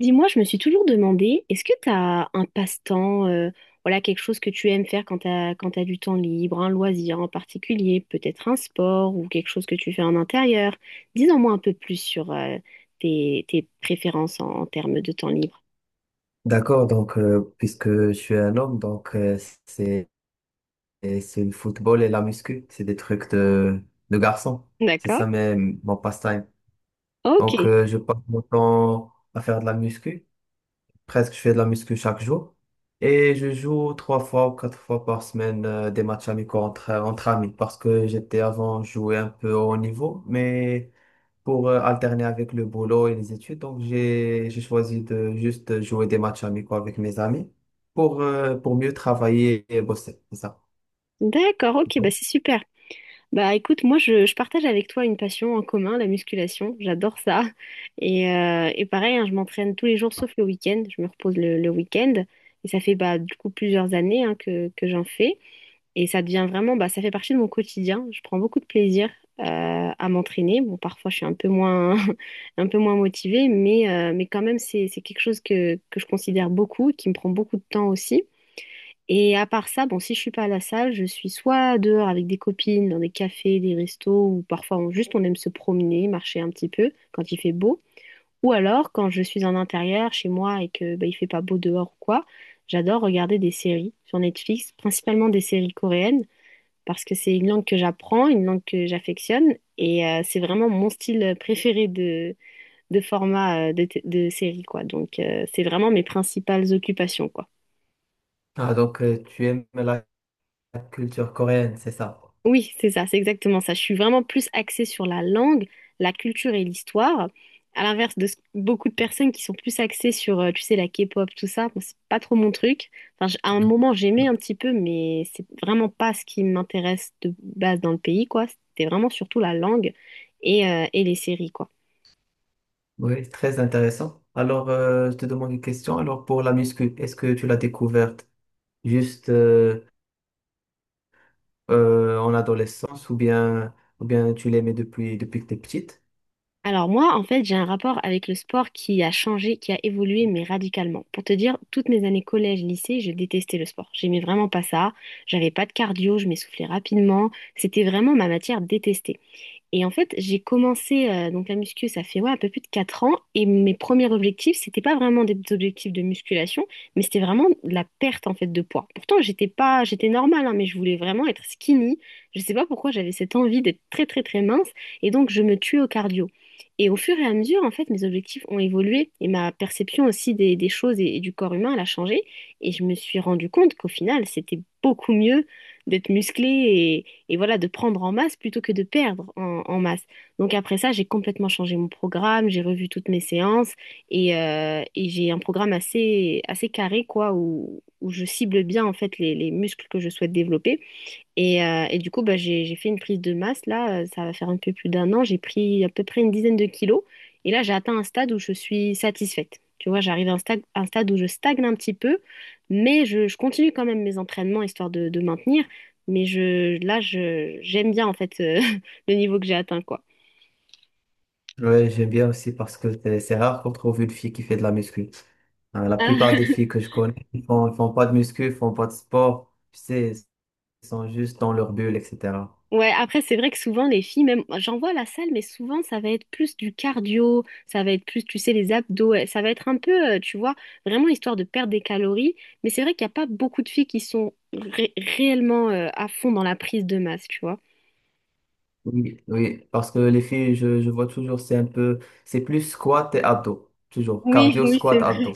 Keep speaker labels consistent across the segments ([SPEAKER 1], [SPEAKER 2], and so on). [SPEAKER 1] Dis-moi, je me suis toujours demandé, est-ce que tu as un passe-temps, voilà, quelque chose que tu aimes faire quand quand tu du temps libre, un loisir en particulier, peut-être un sport ou quelque chose que tu fais en intérieur? Dis-en-moi un peu plus sur tes préférences en termes de temps libre.
[SPEAKER 2] D'accord, puisque je suis un homme, c'est et c'est le football et la muscu, c'est des trucs de garçon. C'est
[SPEAKER 1] D'accord?
[SPEAKER 2] ça mes- mon passe-temps.
[SPEAKER 1] Ok,
[SPEAKER 2] Donc je passe mon temps à faire de la muscu, presque je fais de la muscu chaque jour. Et je joue trois fois ou quatre fois par semaine des matchs amicaux entre amis parce que j'étais avant joué un peu au haut niveau, mais pour alterner avec le boulot et les études. Donc, j'ai choisi de juste jouer des matchs amicaux avec mes amis pour mieux travailler et bosser. C'est ça.
[SPEAKER 1] d'accord, ok, bah c'est super. Bah écoute, moi je partage avec toi une passion en commun, la musculation. J'adore ça. Et pareil, hein, je m'entraîne tous les jours sauf le week-end. Je me repose le week-end. Et ça fait bah, du coup plusieurs années hein, que j'en fais. Et ça devient vraiment, bah, ça fait partie de mon quotidien. Je prends beaucoup de plaisir euh, à m'entraîner. Bon, parfois je suis un peu moins, un peu moins motivée, mais quand même c'est quelque chose que je considère beaucoup, qui me prend beaucoup de temps aussi. Et à part ça, bon, si je suis pas à la salle, je suis soit dehors avec des copines, dans des cafés, des restos, ou parfois juste on aime se promener, marcher un petit peu quand il fait beau. Ou alors quand je suis en intérieur chez moi et que bah, il fait pas beau dehors ou quoi, j'adore regarder des séries sur Netflix, principalement des séries coréennes, parce que c'est une langue que j'apprends, une langue que j'affectionne, et c'est vraiment mon style préféré de format de série, quoi. Donc c'est vraiment mes principales occupations, quoi.
[SPEAKER 2] Ah, donc, tu aimes la culture coréenne, c'est ça?
[SPEAKER 1] Oui, c'est ça, c'est exactement ça. Je suis vraiment plus axée sur la langue, la culture et l'histoire, à l'inverse de beaucoup de personnes qui sont plus axées sur, tu sais, la K-pop, tout ça. Moi, c'est pas trop mon truc. Enfin, à un moment, j'aimais un petit peu, mais c'est vraiment pas ce qui m'intéresse de base dans le pays, quoi. C'était vraiment surtout la langue et les séries, quoi.
[SPEAKER 2] Oui, très intéressant. Alors, je te demande une question. Alors, pour la muscu, est-ce que tu l'as découverte juste en adolescence ou ou bien tu l'aimais depuis que t'es petite?
[SPEAKER 1] Alors moi, en fait, j'ai un rapport avec le sport qui a changé, qui a évolué, mais radicalement. Pour te dire, toutes mes années collège, lycée, je détestais le sport. J'aimais vraiment pas ça. J'avais pas de cardio, je m'essoufflais rapidement. C'était vraiment ma matière détestée. Et en fait, j'ai commencé donc la muscu, ça fait ouais, un peu plus de 4 ans. Et mes premiers objectifs, c'était pas vraiment des objectifs de musculation, mais c'était vraiment de la perte en fait de poids. Pourtant, j'étais pas, j'étais normale, hein, mais je voulais vraiment être skinny. Je sais pas pourquoi j'avais cette envie d'être très très très mince. Et donc, je me tuais au cardio. Et au fur et à mesure, en fait, mes objectifs ont évolué et ma perception aussi des choses et du corps humain, elle a changé. Et je me suis rendu compte qu'au final, c'était beaucoup mieux d'être musclé et voilà, de prendre en masse plutôt que de perdre en masse. Donc après ça, j'ai complètement changé mon programme, j'ai revu toutes mes séances et j'ai un programme assez carré, quoi, où je cible bien en fait les muscles que je souhaite développer. Et du coup, bah, j'ai fait une prise de masse. Là, ça va faire un peu plus d'un an. J'ai pris à peu près une dizaine de kilos. Et là, j'ai atteint un stade où je suis satisfaite. Tu vois, j'arrive à un stade où je stagne un petit peu, mais je continue quand même mes entraînements histoire de maintenir. Mais là, j'aime bien en fait le niveau que j'ai atteint, quoi.
[SPEAKER 2] Ouais, j'aime bien aussi parce que c'est rare qu'on trouve une fille qui fait de la muscu. Hein, la plupart des filles que je connais, ils font pas de muscu, ils font pas de sport. Tu sais, ils sont juste dans leur bulle, etc.
[SPEAKER 1] Ouais, après, c'est vrai que souvent, les filles, même, j'en vois à la salle, mais souvent, ça va être plus du cardio, ça va être plus, tu sais, les abdos, ça va être un peu, tu vois, vraiment histoire de perdre des calories. Mais c'est vrai qu'il n'y a pas beaucoup de filles qui sont réellement, à fond dans la prise de masse, tu vois.
[SPEAKER 2] Oui, oui, parce que les filles, je vois toujours, c'est plus squat et abdos, toujours,
[SPEAKER 1] Oui,
[SPEAKER 2] cardio,
[SPEAKER 1] oui,
[SPEAKER 2] squat,
[SPEAKER 1] c'est
[SPEAKER 2] abdos.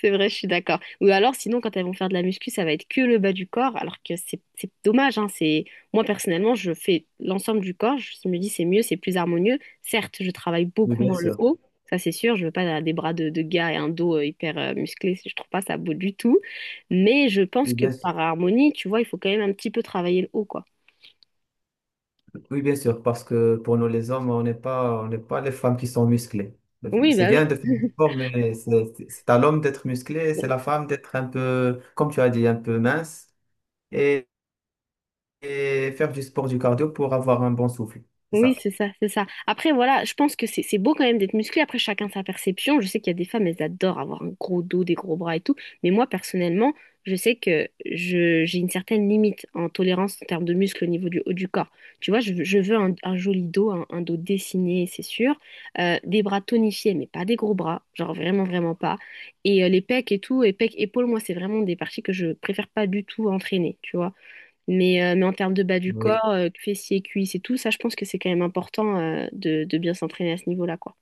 [SPEAKER 1] C'est vrai, je suis d'accord. Ou alors, sinon, quand elles vont faire de la muscu, ça va être que le bas du corps, alors que c'est dommage, hein. Moi, personnellement, je fais l'ensemble du corps. Je me dis, c'est mieux, c'est plus harmonieux. Certes, je travaille
[SPEAKER 2] Oui,
[SPEAKER 1] beaucoup
[SPEAKER 2] bien
[SPEAKER 1] moins le
[SPEAKER 2] sûr.
[SPEAKER 1] haut. Ça, c'est sûr. Je veux pas des bras de gars et un dos hyper musclé. Je trouve pas ça beau du tout. Mais je pense
[SPEAKER 2] Oui,
[SPEAKER 1] que
[SPEAKER 2] bien sûr.
[SPEAKER 1] par harmonie, tu vois, il faut quand même un petit peu travailler le haut, quoi.
[SPEAKER 2] Oui, bien sûr, parce que pour nous les hommes, on n'est pas les femmes qui sont musclées.
[SPEAKER 1] Oui,
[SPEAKER 2] C'est
[SPEAKER 1] bah oui.
[SPEAKER 2] bien de faire du sport, mais à l'homme d'être musclé, c'est la femme d'être un peu, comme tu as dit, un peu mince et, et faire du sport, du cardio pour avoir un bon souffle. C'est
[SPEAKER 1] Oui,
[SPEAKER 2] ça.
[SPEAKER 1] c'est ça, c'est ça. Après, voilà, je pense que c'est beau quand même d'être musclé. Après, chacun sa perception. Je sais qu'il y a des femmes, elles adorent avoir un gros dos, des gros bras et tout. Mais moi, personnellement, je sais que j'ai une certaine limite en tolérance en termes de muscles au niveau du haut du corps. Tu vois, je veux un joli dos, un dos dessiné, c'est sûr. Des bras tonifiés, mais pas des gros bras. Genre vraiment, vraiment pas. Et les pecs et tout, et pecs, épaules, moi, c'est vraiment des parties que je préfère pas du tout entraîner, tu vois. Mais en termes de bas du
[SPEAKER 2] Oui.
[SPEAKER 1] corps, fessiers, cuisses et tout, ça, je pense que c'est quand même important de bien s'entraîner à ce niveau-là, quoi.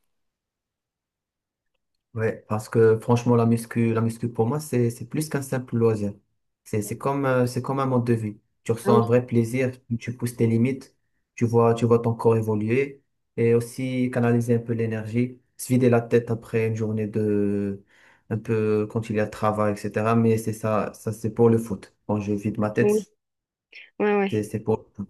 [SPEAKER 2] Ouais, parce que franchement, la muscu pour moi, c'est plus qu'un simple loisir. C'est comme un mode de vie. Tu
[SPEAKER 1] Ah
[SPEAKER 2] ressens un
[SPEAKER 1] oui.
[SPEAKER 2] vrai plaisir, tu pousses tes limites, tu vois ton corps évoluer et aussi canaliser un peu l'énergie, se vider la tête après une journée un peu quand il y a travail, etc. Mais c'est ça, ça c'est pour le foot. Quand je vide ma
[SPEAKER 1] Oui,
[SPEAKER 2] tête,
[SPEAKER 1] ouais, ouais.
[SPEAKER 2] c'est pour tout.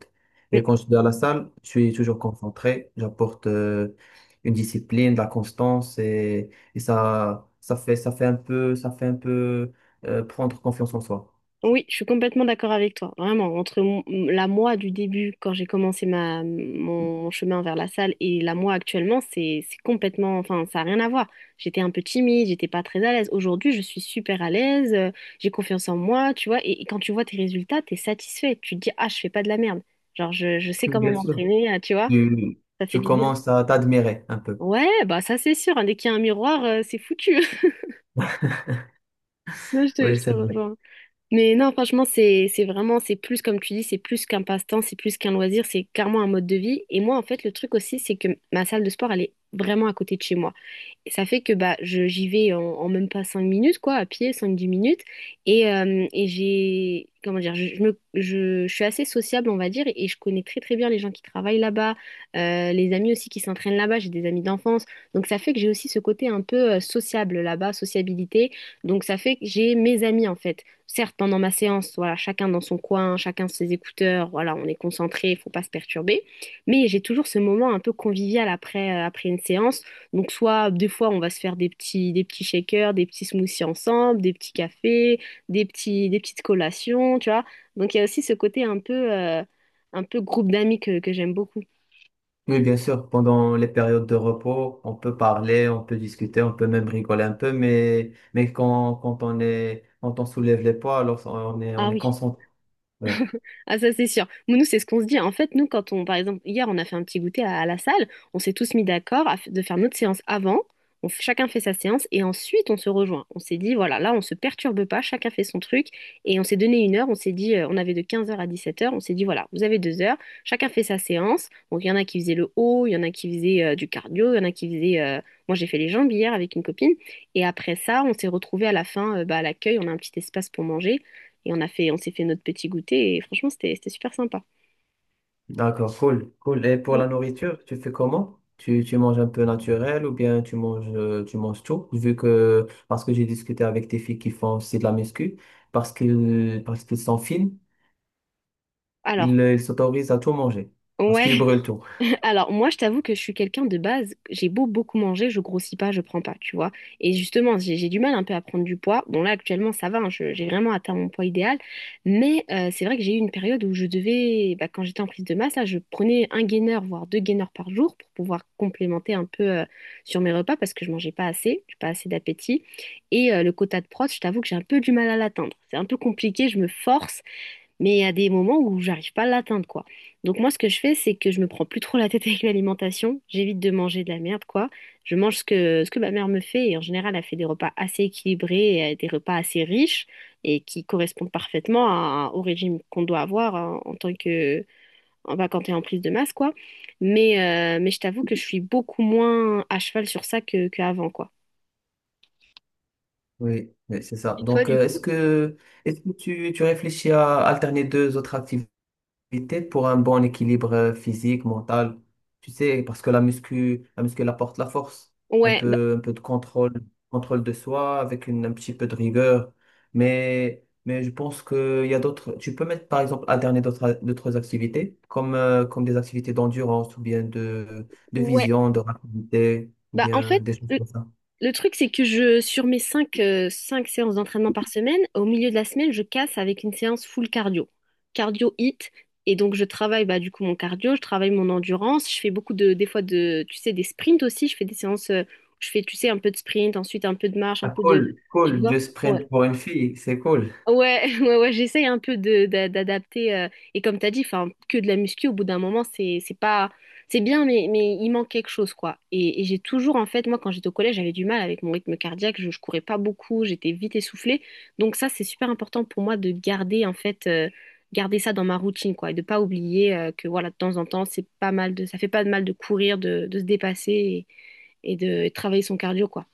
[SPEAKER 2] Et
[SPEAKER 1] Mm.
[SPEAKER 2] quand je suis dans la salle, je suis toujours concentré, j'apporte une discipline, de la constance et ça, ça fait un peu prendre confiance en soi.
[SPEAKER 1] Oui, je suis complètement d'accord avec toi. Vraiment, entre la moi du début, quand j'ai commencé chemin vers la salle, et la moi actuellement, c'est complètement, enfin, ça n'a rien à voir. J'étais un peu timide, j'étais pas très à l'aise. Aujourd'hui, je suis super à l'aise, j'ai confiance en moi, tu vois. Et quand tu vois tes résultats, t'es satisfait. Tu te dis, ah, je fais pas de la merde. Genre, je sais
[SPEAKER 2] Oui,
[SPEAKER 1] comment
[SPEAKER 2] bien sûr.
[SPEAKER 1] m'entraîner, ah, tu vois,
[SPEAKER 2] Tu,
[SPEAKER 1] ça fait
[SPEAKER 2] tu
[SPEAKER 1] du bien.
[SPEAKER 2] commences à t'admirer un peu.
[SPEAKER 1] Ouais, bah ça c'est sûr, hein, dès qu'il y a un miroir, c'est foutu. Non, je te,
[SPEAKER 2] Oui,
[SPEAKER 1] je te
[SPEAKER 2] c'est vrai.
[SPEAKER 1] rejoins. Mais non, franchement, c'est vraiment, c'est plus, comme tu dis, c'est plus qu'un passe-temps, c'est plus qu'un loisir, c'est carrément un mode de vie. Et moi, en fait, le truc aussi, c'est que ma salle de sport, elle est vraiment à côté de chez moi. Et ça fait que bah, j'y vais en même pas 5 minutes, quoi, à pied, 5-10 minutes. Et comment dire, je suis assez sociable, on va dire, et je connais très très bien les gens qui travaillent là-bas, les amis aussi qui s'entraînent là-bas, j'ai des amis d'enfance. Donc ça fait que j'ai aussi ce côté un peu sociable là-bas, sociabilité. Donc ça fait que j'ai mes amis, en fait. Certes, pendant ma séance, voilà, chacun dans son coin, chacun ses écouteurs, voilà, on est concentré, il faut pas se perturber. Mais j'ai toujours ce moment un peu convivial après, après une séance. Donc, soit des fois, on va se faire des petits shakers, des petits smoothies ensemble, des petits cafés, des petites collations, tu vois. Donc, il y a aussi ce côté un peu groupe d'amis que j'aime beaucoup.
[SPEAKER 2] Oui, bien sûr, pendant les périodes de repos, on peut parler, on peut discuter, on peut même rigoler un peu, mais quand on soulève les poids, alors
[SPEAKER 1] Ah
[SPEAKER 2] on est
[SPEAKER 1] oui.
[SPEAKER 2] concentré.
[SPEAKER 1] Ah ça c'est sûr. Mais nous c'est ce qu'on se dit. En fait nous quand on par exemple hier on a fait un petit goûter à la salle, on s'est tous mis d'accord à de faire notre séance avant. Chacun fait sa séance et ensuite on se rejoint. On s'est dit voilà là on se perturbe pas, chacun fait son truc et on s'est donné une heure. On s'est dit on avait de 15h à 17h. On s'est dit voilà vous avez 2 heures, chacun fait sa séance. Donc il y en a qui faisaient le haut, il y en a qui faisaient du cardio, il y en a qui faisaient moi j'ai fait les jambes hier avec une copine et après ça on s'est retrouvés à la fin bah, à l'accueil on a un petit espace pour manger. Et on s'est fait notre petit goûter et franchement, c'était super sympa.
[SPEAKER 2] D'accord, cool, cool. Et pour la nourriture, tu fais comment? Tu manges un peu naturel ou bien tu manges tout? Parce que j'ai discuté avec des filles qui font aussi de la muscu, parce qu'ils sont fines,
[SPEAKER 1] Alors,
[SPEAKER 2] ils s'autorisent à tout manger, parce qu'ils
[SPEAKER 1] ouais,
[SPEAKER 2] brûlent tout.
[SPEAKER 1] alors moi, je t'avoue que je suis quelqu'un de base, j'ai beau beaucoup manger, je grossis pas, je prends pas, tu vois. Et justement, j'ai du mal un peu à prendre du poids. Bon, là, actuellement, ça va, hein, j'ai vraiment atteint mon poids idéal. Mais c'est vrai que j'ai eu une période où je devais, bah, quand j'étais en prise de masse, là, je prenais un gainer, voire deux gainers par jour pour pouvoir complémenter un peu sur mes repas parce que je mangeais pas assez, j'ai pas assez d'appétit. Et le quota de prot, je t'avoue que j'ai un peu du mal à l'atteindre. C'est un peu compliqué, je me force. Mais il y a des moments où j'arrive pas à l'atteindre, quoi. Donc moi, ce que je fais, c'est que je me prends plus trop la tête avec l'alimentation. J'évite de manger de la merde, quoi. Je mange ce que ma mère me fait. Et en général, elle fait des repas assez équilibrés, et des repas assez riches et qui correspondent parfaitement au régime qu'on doit avoir, hein, en tant que, en bah, quand t'es en prise de masse, quoi. Mais, mais je t'avoue que je suis beaucoup moins à cheval sur ça qu'avant, quoi.
[SPEAKER 2] Oui, oui, c'est ça. Donc, est-ce que tu réfléchis à alterner deux autres activités? Activité pour un bon équilibre physique, mental. Tu sais, parce que la muscu elle apporte la force,
[SPEAKER 1] Ouais, bah,
[SPEAKER 2] un peu de contrôle, contrôle de soi avec un petit peu de rigueur. Mais je pense qu'il y a d'autres. Tu peux mettre par exemple à dernier d'autres activités, comme des activités d'endurance ou bien de
[SPEAKER 1] ouais.
[SPEAKER 2] vision, de rapidité, ou
[SPEAKER 1] Bah, en
[SPEAKER 2] bien
[SPEAKER 1] fait,
[SPEAKER 2] des choses comme ça.
[SPEAKER 1] le truc, c'est que sur mes cinq séances d'entraînement par semaine, au milieu de la semaine, je casse avec une séance full cardio. Cardio hit. Et donc, je travaille, bah, du coup mon cardio, je travaille mon endurance, je fais beaucoup des fois tu sais, des sprints aussi. Je fais des séances, où je fais, tu sais, un peu de sprint, ensuite un peu de marche,
[SPEAKER 2] Ah, cool,
[SPEAKER 1] tu
[SPEAKER 2] cool,
[SPEAKER 1] vois.
[SPEAKER 2] du sprint
[SPEAKER 1] Ouais.
[SPEAKER 2] pour une fille, c'est cool.
[SPEAKER 1] Ouais, j'essaye un peu d'adapter. Et comme t'as dit, enfin, que de la muscu, au bout d'un moment, c'est pas, c'est bien, mais il manque quelque chose, quoi. Et j'ai toujours, en fait, moi, quand j'étais au collège, j'avais du mal avec mon rythme cardiaque. Je courais pas beaucoup, j'étais vite essoufflée. Donc ça, c'est super important pour moi de garder, en fait, garder ça dans ma routine, quoi, et de pas oublier que, voilà, de temps en temps, c'est pas mal de, ça fait pas de mal de courir, de se dépasser et de travailler son cardio, quoi.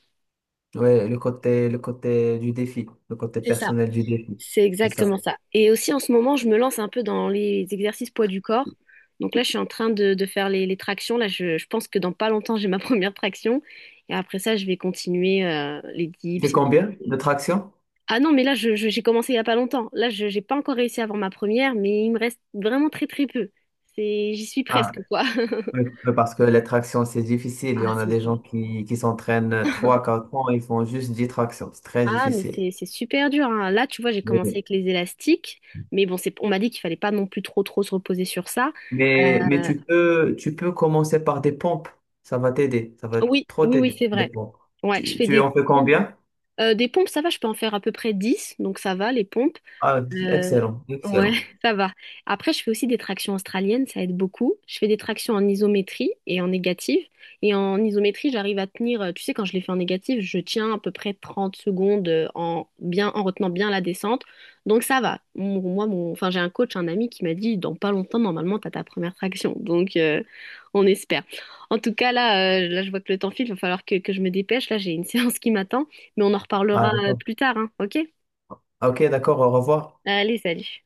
[SPEAKER 2] Ouais, le côté du défi, le côté personnel du défi,
[SPEAKER 1] C'est
[SPEAKER 2] c'est ça.
[SPEAKER 1] exactement ça. Et aussi en ce moment, je me lance un peu dans les exercices poids du corps. Donc là, je suis en train de faire les tractions. Là, je pense que dans pas longtemps, j'ai ma première traction. Et après ça, je vais continuer les
[SPEAKER 2] C'est
[SPEAKER 1] dips et tout.
[SPEAKER 2] combien de tractions?
[SPEAKER 1] Ah non, mais là, j'ai commencé il y a pas longtemps. Là, je j'ai pas encore réussi à avoir ma première, mais il me reste vraiment très peu. C'est, j'y suis
[SPEAKER 2] Ah,
[SPEAKER 1] presque, quoi.
[SPEAKER 2] oui, oui, parce que les tractions, c'est difficile. Il y
[SPEAKER 1] Ah,
[SPEAKER 2] en a
[SPEAKER 1] c'est
[SPEAKER 2] des
[SPEAKER 1] dur.
[SPEAKER 2] gens qui s'entraînent trois quatre ans, ils font juste 10 tractions. C'est très
[SPEAKER 1] Ah, mais
[SPEAKER 2] difficile.
[SPEAKER 1] c'est super dur, hein. Là, tu vois, j'ai
[SPEAKER 2] Oui,
[SPEAKER 1] commencé
[SPEAKER 2] oui.
[SPEAKER 1] avec les élastiques, mais bon, c'est, on m'a dit qu'il fallait pas non plus trop se reposer sur ça.
[SPEAKER 2] Mais
[SPEAKER 1] Euh,
[SPEAKER 2] tu peux commencer par des pompes. Ça va t'aider. Ça va
[SPEAKER 1] oui,
[SPEAKER 2] trop
[SPEAKER 1] oui,
[SPEAKER 2] t'aider,
[SPEAKER 1] c'est
[SPEAKER 2] des
[SPEAKER 1] vrai.
[SPEAKER 2] pompes.
[SPEAKER 1] Ouais, je fais
[SPEAKER 2] Tu
[SPEAKER 1] des
[SPEAKER 2] en fais
[SPEAKER 1] pompes.
[SPEAKER 2] combien?
[SPEAKER 1] Des pompes, ça va, je peux en faire à peu près 10, donc ça va, les pompes.
[SPEAKER 2] Ah,
[SPEAKER 1] Euh,
[SPEAKER 2] excellent,
[SPEAKER 1] ouais,
[SPEAKER 2] excellent.
[SPEAKER 1] ça va. Après, je fais aussi des tractions australiennes, ça aide beaucoup. Je fais des tractions en isométrie et en négative. Et en isométrie, j'arrive à tenir, tu sais, quand je les fais en négative, je tiens à peu près 30 secondes, bien, en retenant bien la descente. Donc ça va. J'ai un coach, un ami qui m'a dit, dans pas longtemps, normalement, t'as ta première traction. Donc, on espère. En tout cas, là, je vois que le temps file, il va falloir que je me dépêche. Là, j'ai une séance qui m'attend, mais on en
[SPEAKER 2] Ah,
[SPEAKER 1] reparlera
[SPEAKER 2] d'accord.
[SPEAKER 1] plus tard, hein, ok?
[SPEAKER 2] Ok, d'accord, au revoir.
[SPEAKER 1] Allez, salut.